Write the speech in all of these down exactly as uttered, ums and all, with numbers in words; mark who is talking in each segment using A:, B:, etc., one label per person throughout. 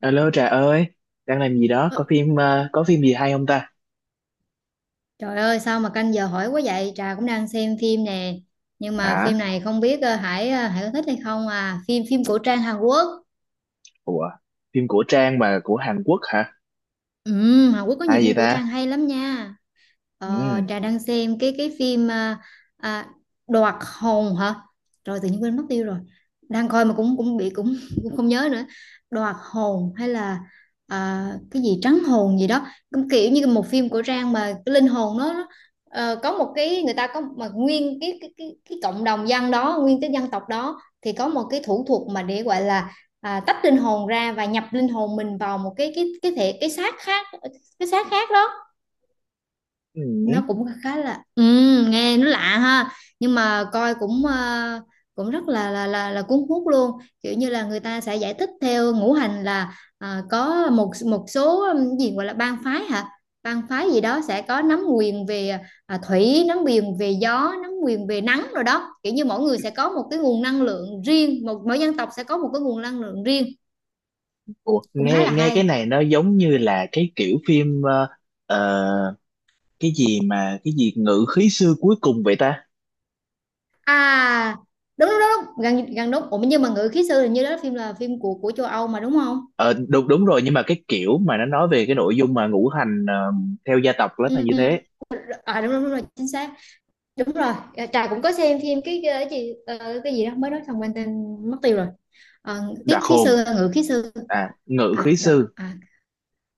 A: Alo Trà ơi, đang làm gì đó?
B: Ơ,
A: Có phim ờ, có phim gì hay không ta?
B: trời ơi sao mà canh giờ hỏi quá vậy. Trà cũng đang xem phim nè. Nhưng mà phim
A: Hả?
B: này không biết, ờ, Hải, ờ, Hải có thích hay không à? Phim phim cổ trang Hàn Quốc.
A: Ủa, phim của Trang mà của Hàn Quốc hả?
B: Ừ, Hàn Quốc có nhiều
A: Hay vậy
B: phim cổ trang
A: ta?
B: hay lắm nha.
A: Ừ.
B: Ờ, Trà đang xem cái cái phim, à, à, Đoạt Hồn hả? Rồi tự nhiên quên mất tiêu rồi. Đang coi mà cũng cũng bị cũng, cũng không nhớ nữa. Đoạt Hồn hay là, à, cái gì Trắng Hồn gì đó. Cũng kiểu như một phim cổ trang mà cái linh hồn nó nó, ờ, có một cái người ta có, mà nguyên cái cái cái, cái cộng đồng dân đó, nguyên cái dân tộc đó thì có một cái thủ thuật mà để gọi là, à, tách linh hồn ra và nhập linh hồn mình vào một cái cái cái thể, cái xác khác, cái xác khác đó.
A: Ừ.
B: Nó cũng khá là, ừ, nghe nó lạ ha, nhưng mà coi cũng, ờ, cũng rất là là là là cuốn hút luôn. Kiểu như là người ta sẽ giải thích theo ngũ hành là, à, có một một số, ừm, gì gọi là bang phái hả, bang phái gì đó sẽ có nắm quyền về, à, thủy, nắm quyền về gió, nắm quyền về nắng rồi đó. Kiểu như mỗi người sẽ có một cái nguồn năng lượng riêng, một mỗi dân tộc sẽ có một cái nguồn năng lượng riêng,
A: Ủa,
B: cũng khá
A: nghe
B: là
A: nghe
B: hay.
A: cái này nó giống như là cái kiểu phim ờ, ờ, cái gì mà cái gì ngự khí xưa cuối cùng vậy ta?
B: À đúng đúng đúng đúng, gần gần đúng. Ủa nhưng mà ngự khí sư hình như đó là phim, là phim của của châu Âu mà đúng không?
A: Ờ đúng đúng rồi, nhưng mà cái kiểu mà nó nói về cái nội dung mà ngũ hành ờ, theo gia tộc đó là
B: Ừ,
A: như
B: ừ.
A: thế.
B: À đúng, đúng đúng rồi, chính xác. Đúng rồi, à, Trà cũng có xem phim cái, cái gì, ờ, cái gì đó mới nói xong quên tên mất tiêu rồi. Ờ, tiết
A: Đoạt
B: khí
A: hồn.
B: sư, ngự khí sư.
A: À, ngự
B: À
A: khí
B: đó
A: sư.
B: à,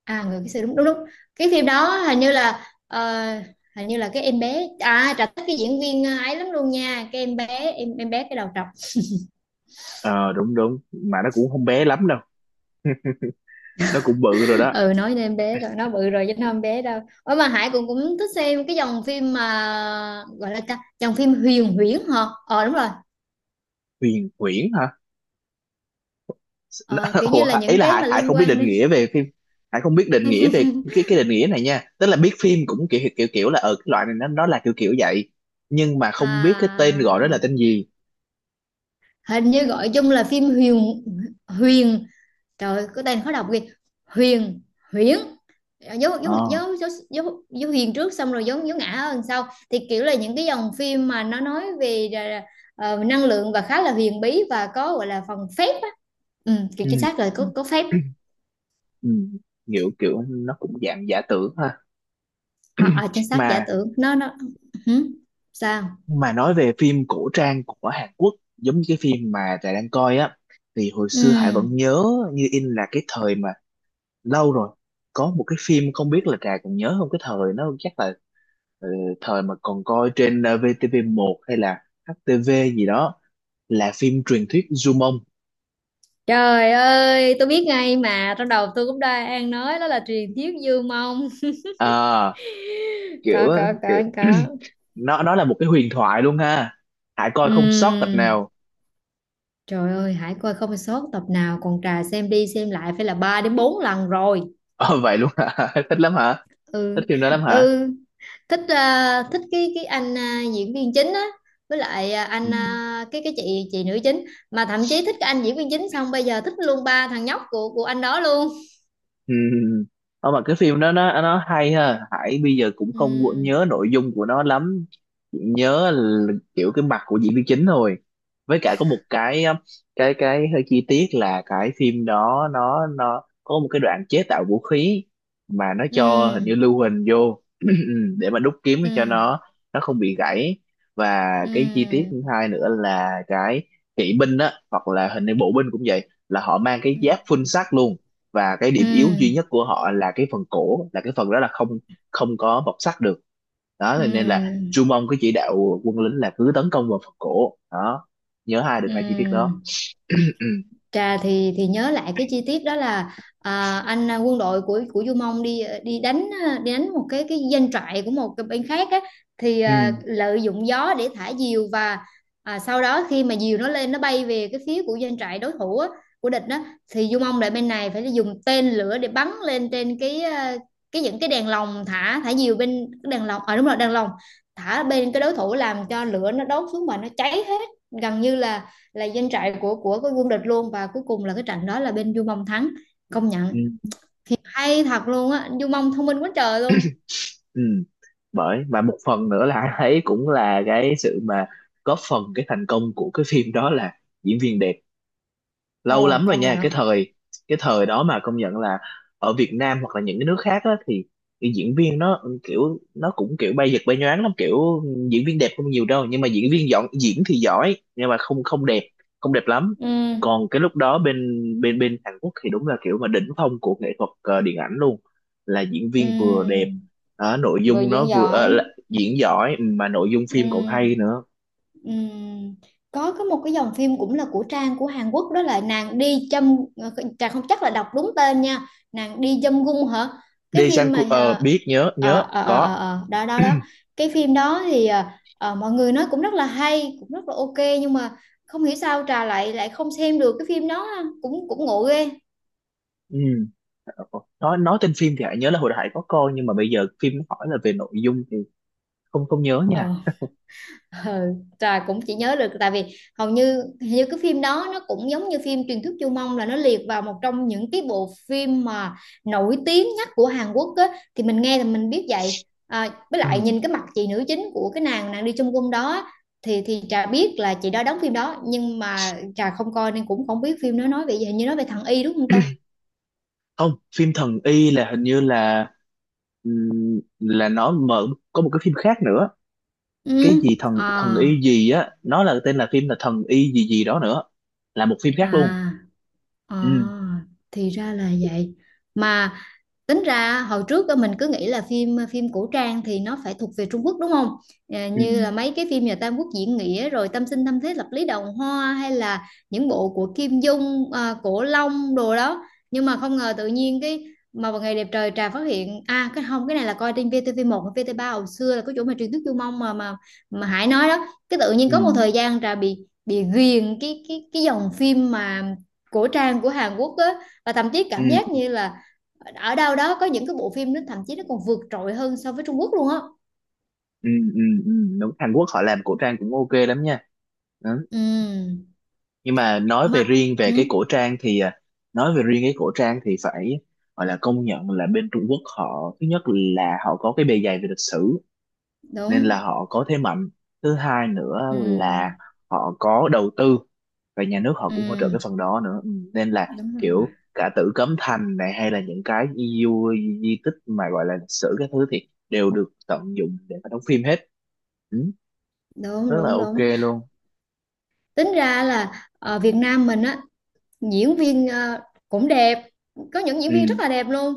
B: à ngự khí sư đúng đúng đúng. Cái phim đó hình như là, ờ, hình như là cái em bé, à Trà thích cái diễn viên, ờ, ấy lắm luôn nha, cái em bé, em em bé cái đầu trọc.
A: Ờ đúng đúng, mà nó cũng không bé lắm đâu. Nó cũng bự rồi đó.
B: Ừ, nói đến em bé rồi nó bự rồi chứ nó không bé đâu. Ủa mà Hải cũng cũng thích xem cái dòng phim mà gọi là ta- dòng phim huyền huyễn hả? Ờ đúng rồi,
A: Huyền Huyễn hả?
B: ờ, kiểu như
A: Ủa,
B: là
A: ý
B: những
A: là
B: cái
A: Hải,
B: mà
A: Hải
B: liên
A: không biết
B: quan
A: định
B: đến
A: nghĩa về phim. Hải không biết định nghĩa về cái cái định nghĩa này nha, tức là biết phim cũng kiểu kiểu kiểu là ở cái loại này nó nó là kiểu kiểu vậy nhưng mà không biết cái tên gọi đó
B: à,
A: là tên gì.
B: hình như gọi chung là phim huyền, huyền, trời ơi, có tên khó đọc kìa, huyền huyễn, dấu dấu
A: ờ
B: dấu dấu, dấu, dấu huyền trước xong rồi dấu dấu ngã hơn sau, thì kiểu là những cái dòng phim mà nó nói về, ờ, năng lượng và khá là huyền bí và có gọi là phần phép. Ừ, kiểu
A: ừ.
B: chính xác rồi, có có phép.
A: Ừ. Kiểu kiểu nó cũng dạng giả tưởng ha.
B: À, à, chính xác, giả
A: mà
B: tưởng nó nó. Hử? Sao?
A: mà nói về phim cổ trang của Hàn Quốc giống như cái phim mà Trà đang coi á, thì hồi xưa Hải vẫn
B: Ừ.
A: nhớ như in là cái thời mà lâu rồi, có một cái phim không biết là Trà còn nhớ không. Cái thời nó chắc là ờ, thời mà còn coi trên ờ, vê tê vê một hay là hát tê vê gì đó, là phim truyền thuyết Dumont.
B: Trời ơi tôi biết ngay mà, trong đầu tôi cũng đang nói đó là truyền thuyết Dương Mông.
A: à, kiểu
B: Có có
A: kiểu
B: có có.
A: nó nó là một cái huyền thoại luôn ha. Hải coi không sót tập
B: Ừ.
A: nào.
B: Trời ơi hãy coi không sót tập nào, còn Trà xem đi xem lại phải là ba đến bốn lần rồi.
A: Ờ, vậy luôn hả? Thích lắm hả? Thích
B: Ừ.
A: phim đó lắm hả?
B: Ừ. Thích, ờ, thích cái cái anh, ờ, diễn viên chính á, với lại, ờ,
A: Ừ.
B: anh, ờ, cái cái chị chị nữ chính, mà thậm chí thích cái anh diễn viên chính xong bây giờ thích luôn ba thằng nhóc của của anh đó luôn.
A: Ừ. Ờ, mà cái phim đó nó nó hay ha, Hải bây giờ cũng không có nhớ
B: Ừ
A: nội dung của nó lắm. Chỉ nhớ là kiểu cái mặt của diễn viên chính thôi, với cả có một cái um, cái cái hơi chi tiết là cái phim đó nó nó có một cái đoạn chế tạo vũ khí mà nó cho hình như
B: ừ
A: lưu huỳnh vô để mà đúc kiếm
B: ừ
A: cho nó nó không bị gãy. Và cái chi tiết
B: ừ
A: thứ hai nữa là cái kỵ binh á, hoặc là hình như bộ binh cũng vậy, là họ mang cái
B: ừ
A: giáp phun sắt luôn. Và cái
B: ừ
A: điểm yếu duy nhất của họ là cái phần cổ, là cái phần đó là không không có bọc sắt được, đó nên là
B: ừ
A: Chu Mông có chỉ đạo quân lính là cứ tấn công vào phần cổ đó. Nhớ hai được hai chi tiết đó.
B: ừ.
A: Ừ, ừ,
B: Trà thì thì nhớ lại cái chi tiết đó là, à, anh, à, quân đội của của Du Mông đi, ờ, đi đánh, à, đi đánh một cái cái doanh trại của một cái bên khác á, thì,
A: ừ,
B: à, lợi dụng gió để thả diều và, à, sau đó khi mà diều nó lên nó bay về cái phía của doanh trại đối thủ á, của địch đó, thì Du Mông lại bên này phải dùng tên lửa để bắn lên trên cái, à, cái những cái đèn lồng, thả thả diều, bên cái đèn lồng, à đúng rồi đèn lồng, thả bên cái đối thủ làm cho lửa nó đốt xuống mà nó cháy hết, gần như là là doanh trại của của cái quân địch luôn, và cuối cùng là cái trận đó là bên Du Mông thắng, công
A: ừ.
B: nhận hay thật luôn á, Du Mông thông minh quá trời luôn.
A: Ừ. Bởi và một phần nữa là anh thấy cũng là cái sự mà góp phần cái thành công của cái phim đó là diễn viên đẹp. Lâu
B: Ồ
A: lắm rồi
B: công
A: nha, cái
B: nhận.
A: thời cái thời đó mà công nhận là ở Việt Nam hoặc là những cái nước khác á, thì cái diễn viên nó kiểu nó cũng kiểu bay giật bay nhoáng lắm, kiểu diễn viên đẹp không nhiều đâu, nhưng mà diễn viên dọn diễn thì giỏi nhưng mà không không đẹp, không đẹp lắm.
B: Ừ.
A: Còn cái lúc đó bên bên bên Hàn Quốc thì đúng là kiểu mà đỉnh phong của nghệ thuật ờ, điện ảnh luôn, là diễn viên vừa đẹp,
B: Ừ.
A: ờ, nội
B: Vừa
A: dung nó
B: diễn
A: vừa ờ, là
B: giỏi.
A: diễn giỏi mà nội dung phim còn
B: Ừm,
A: hay nữa.
B: ừm. Có có một cái dòng phim cũng là của Trang của Hàn Quốc đó là nàng đi châm, Trang không chắc là đọc đúng tên nha, nàng đi châm gung hả, cái
A: Dae Sang
B: phim
A: Ku ờ
B: mà,
A: biết, nhớ
B: ờ,
A: nhớ
B: ờ, ờ, ờ, ờ,
A: có.
B: ờ, đó đó đó, cái phim đó thì, ờ, ờ, mọi người nói cũng rất là hay, cũng rất là ok, nhưng mà không hiểu sao Trà lại lại không xem được cái phim đó, cũng cũng ngộ ghê.
A: Ừ. Nói nói tên phim thì Hải nhớ là hồi đại có coi nhưng mà bây giờ phim nó hỏi là về nội dung thì không không nhớ nha.
B: Ờ. Ừ, trời cũng chỉ nhớ được tại vì hầu như, hình như cái phim đó nó cũng giống như phim Truyền thuyết Chu Mông, là nó liệt vào một trong những cái bộ phim mà nổi tiếng nhất của Hàn Quốc á, thì mình nghe thì mình biết vậy. À, với lại
A: Ừ.
B: nhìn cái mặt chị nữ chính của cái nàng nàng đi Chung cung đó á, thì thì Trà biết là chị đó đóng phim đó, nhưng mà Trà không coi nên cũng không biết phim nó nói về gì, hình như nói về thằng Y đúng không ta?
A: Không, phim Thần Y là hình như là ừm, là nó mở, có một cái phim khác nữa.
B: Ừ.
A: Cái gì thần
B: À
A: thần y gì á, nó là tên là phim là Thần Y gì gì đó nữa. Là một phim khác luôn.
B: à à,
A: Ừ.
B: thì ra là vậy. Mà tính ra hồi trước á, mình cứ nghĩ là phim phim cổ trang thì nó phải thuộc về Trung Quốc đúng không? Ờ,
A: Ừ.
B: như là mấy cái phim nhà Tam Quốc diễn nghĩa, rồi Tam sinh tam thế lập lý đồng hoa, hay là những bộ của Kim Dung, à, Cổ Long đồ đó. Nhưng mà không ngờ tự nhiên cái, mà vào ngày đẹp trời Trà phát hiện, à cái không, cái này là coi trên vê tê vê một và vê tê vê ba hồi xưa, là có chỗ mà truyền thuyết Du Mông mà mà mà Hải nói đó. Cái tự nhiên
A: Ừ.
B: có một thời gian Trà bị bị ghiền cái cái cái dòng phim mà cổ trang của Hàn Quốc á, và thậm chí
A: Ừ.
B: cảm giác như là ở đâu đó có những cái bộ phim nó thậm chí nó còn vượt trội hơn so với Trung Quốc luôn á.
A: Ừ. Ừ. Ừ. Đúng, Hàn Quốc họ làm cổ trang cũng ok lắm nha.
B: Ừ.
A: Nhưng mà nói về
B: Mà
A: riêng về
B: ừ,
A: cái cổ trang thì à, nói về riêng cái cổ trang thì phải gọi là công nhận là bên Trung Quốc họ, thứ nhất là họ có cái bề dày về lịch sử nên là
B: đúng.
A: họ có thế mạnh. Thứ hai nữa
B: Ừ
A: là họ có đầu tư và nhà nước họ cũng hỗ trợ
B: ừ.
A: cái phần đó nữa. Ừ, nên là
B: Đúng rồi.
A: kiểu cả Tử Cấm Thành này hay là những cái di, di, di tích mà gọi là lịch sử các thứ thì đều được tận dụng để mà đóng phim hết, ừ,
B: Đúng
A: rất là
B: đúng
A: ok
B: đúng.
A: luôn.
B: Tính ra là ở Việt Nam mình á, diễn viên, ờ, cũng đẹp, có những diễn
A: Ừ,
B: viên rất là đẹp luôn,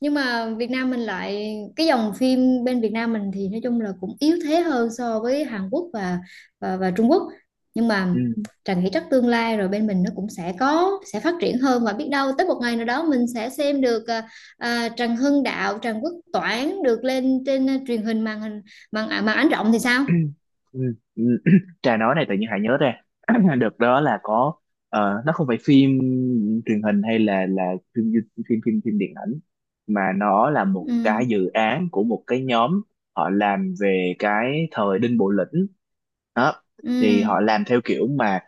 B: nhưng mà Việt Nam mình lại cái dòng phim bên Việt Nam mình thì nói chung là cũng yếu thế hơn so với Hàn Quốc và, và, và Trung Quốc. Nhưng mà
A: ừ.
B: Trà nghĩ chắc tương lai rồi bên mình nó cũng sẽ có, sẽ phát triển hơn, và biết đâu tới một ngày nào đó mình sẽ xem được, à, à, Trần Hưng Đạo, Trần Quốc Toản được lên trên, à, truyền hình, màn hình, màn, à, màn ảnh rộng thì sao.
A: Ừ, ừ. Trà nói này tự nhiên Hải nhớ ra, đợt đó là có ờ, nó không phải phim truyền hình, hay là là phim du- phim phim phim điện ảnh, mà nó là một
B: Ừ
A: cái dự án của một cái nhóm. Họ làm về cái thời Đinh Bộ Lĩnh đó,
B: ừ
A: thì họ làm theo kiểu mà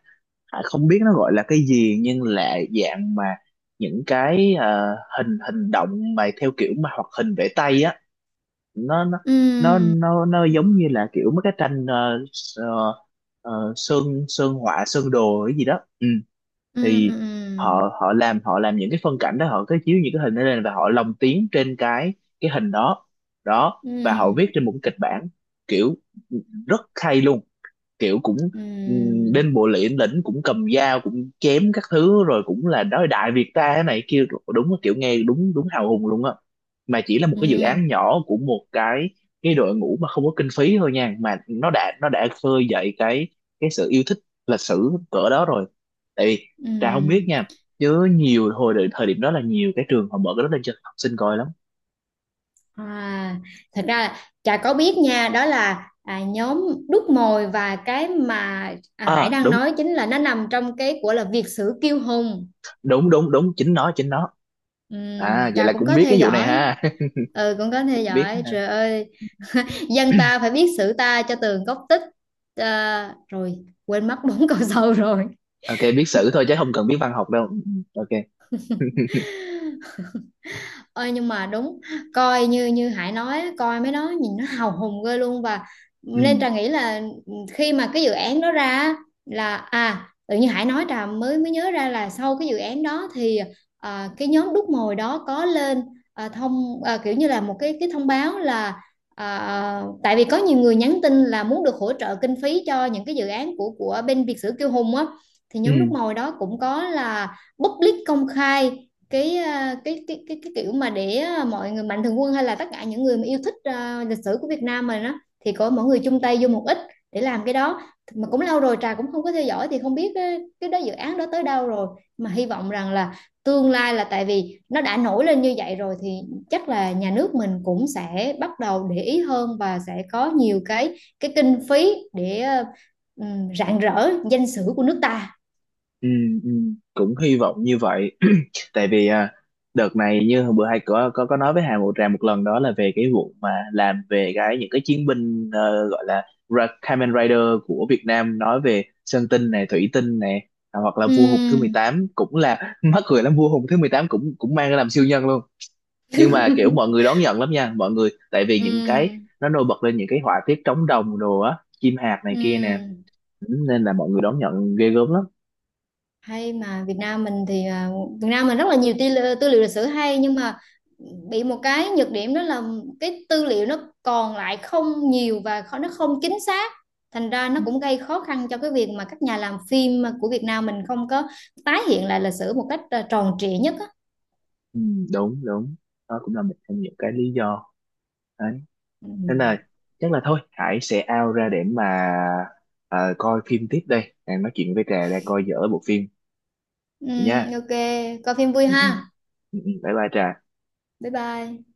A: Hải không biết nó gọi là cái gì, nhưng là dạng mà những cái ờ, hình hình động mà theo kiểu mà hoạt hình vẽ tay á. nó nó nó
B: ừ
A: nó nó giống như là kiểu mấy cái tranh ờ, ờ, ờ, sơn sơn họa sơn đồ cái gì đó, ừ.
B: ừ ừ
A: Thì
B: ừ
A: họ họ làm họ làm những cái phân cảnh đó, họ cứ chiếu những cái hình đó lên và họ lồng tiếng trên cái cái hình đó. Đó và họ
B: ừ.
A: viết trên một cái kịch bản kiểu, ừ, rất hay luôn, kiểu cũng
B: Ừ,
A: ừm, bên bộ liễn lĩnh cũng cầm dao cũng chém các thứ, rồi cũng là nói đại Việt ta thế này kia, đúng là kiểu nghe đúng đúng hào hùng luôn á. Mà chỉ là một cái dự
B: ừ,
A: án nhỏ của một cái cái đội ngũ mà không có kinh phí thôi nha, mà nó đã nó đã khơi dậy cái cái sự yêu thích lịch sử cỡ đó rồi, tại vì Trà không biết
B: ừ.
A: nha, chứ nhiều hồi đợi- thời điểm đó là nhiều cái trường họ mở cái đó lên cho học sinh coi lắm.
B: À, thật ra là Trà có biết nha, đó là, à, nhóm đúc mồi, và cái mà, à, Hải
A: À
B: đang
A: đúng,
B: nói chính là nó nằm trong cái của là Việt sử kiêu hùng.
A: đúng đúng đúng, chính nó chính nó.
B: Ừ,
A: À vậy
B: Trà
A: là
B: cũng
A: cũng
B: có
A: biết
B: theo
A: cái vụ này
B: dõi,
A: ha.
B: ừ cũng có theo
A: Biết.
B: dõi, trời ơi, dân ta phải biết sử ta cho tường gốc tích, à, rồi quên mất bốn câu sau.
A: Ok, biết sử thôi chứ không cần biết văn học đâu. Ừ, ok.
B: Rồi. Ơi nhưng mà đúng, coi như như Hải nói coi mấy đó nhìn nó hào hùng ghê luôn, và
A: Ừ.
B: nên Trà nghĩ là, ừ, khi mà cái dự án đó ra á, là à, tự nhiên Hải nói Trà mới mới nhớ ra là sau cái dự án đó thì, à, cái nhóm đúc mồi đó có lên, à, thông, à, kiểu như là một cái cái thông báo là, à, tại vì có nhiều người nhắn tin là muốn được hỗ trợ kinh phí cho những cái dự án của của bên Việt Sử Kiêu Hùng á, thì nhóm đúc
A: Ừ.
B: mồi đó cũng có là public công khai cái, à, cái cái cái cái kiểu mà để, à, mọi người mạnh thường quân hay là tất cả những người mà yêu thích, à, lịch sử của Việt Nam mình đó, thì có mọi người chung tay vô một ít để làm cái đó. Mà cũng lâu rồi Trà cũng không có theo dõi thì không biết cái, cái đó dự án đó tới đâu rồi. Mà hy vọng rằng là tương lai, là tại vì nó đã nổi lên như vậy rồi thì chắc là nhà nước mình cũng sẽ bắt đầu để ý hơn và sẽ có nhiều cái cái kinh phí để, à, rạng rỡ danh sử của nước ta.
A: Ừ, ừ, cũng hy vọng như vậy. Tại vì à, đợt này như hôm bữa hai có có có nói với Hà Ngọc Trà một lần đó là về cái vụ mà làm về cái những cái chiến binh ờ, gọi là Ra- Kamen Rider của Việt Nam, nói về Sơn Tinh này Thủy Tinh này, à, hoặc là Vua Hùng thứ mười
B: Ừm.
A: tám cũng là mắc cười lắm, Vua Hùng thứ mười tám cũng cũng mang ra làm siêu nhân luôn. Nhưng mà kiểu mọi người đón nhận lắm nha mọi người, tại vì
B: Ừ,
A: những cái nó nổi bật lên những cái họa tiết trống đồng đồ á, chim hạt này
B: ừ.
A: kia nè. Ừ, nên là mọi người đón nhận ghê gớm lắm.
B: Hay mà Việt Nam mình thì, à, Việt Nam mình rất là nhiều tư, li- tư liệu lịch sử hay, nhưng mà bị một cái nhược điểm đó là cái tư liệu nó còn lại không nhiều và kho- nó không chính xác, thành ra nó cũng gây khó khăn cho cái việc mà các nhà làm phim mà của Việt Nam mình không có tái hiện lại lịch sử một cách, à, tròn trịa nhất á.
A: Ừ, đúng đúng, đó cũng là một trong những cái lý do đấy.
B: Ừ.
A: Nên là chắc là thôi Hải sẽ out ra để mà ờ, coi phim tiếp đây, đang nói chuyện với Trà đang coi dở bộ phim
B: Ừm,
A: nha.
B: ok, coi phim vui
A: Ừ,
B: ha,
A: ừ, ừ, ừ. Bye bye Trà
B: bye bye.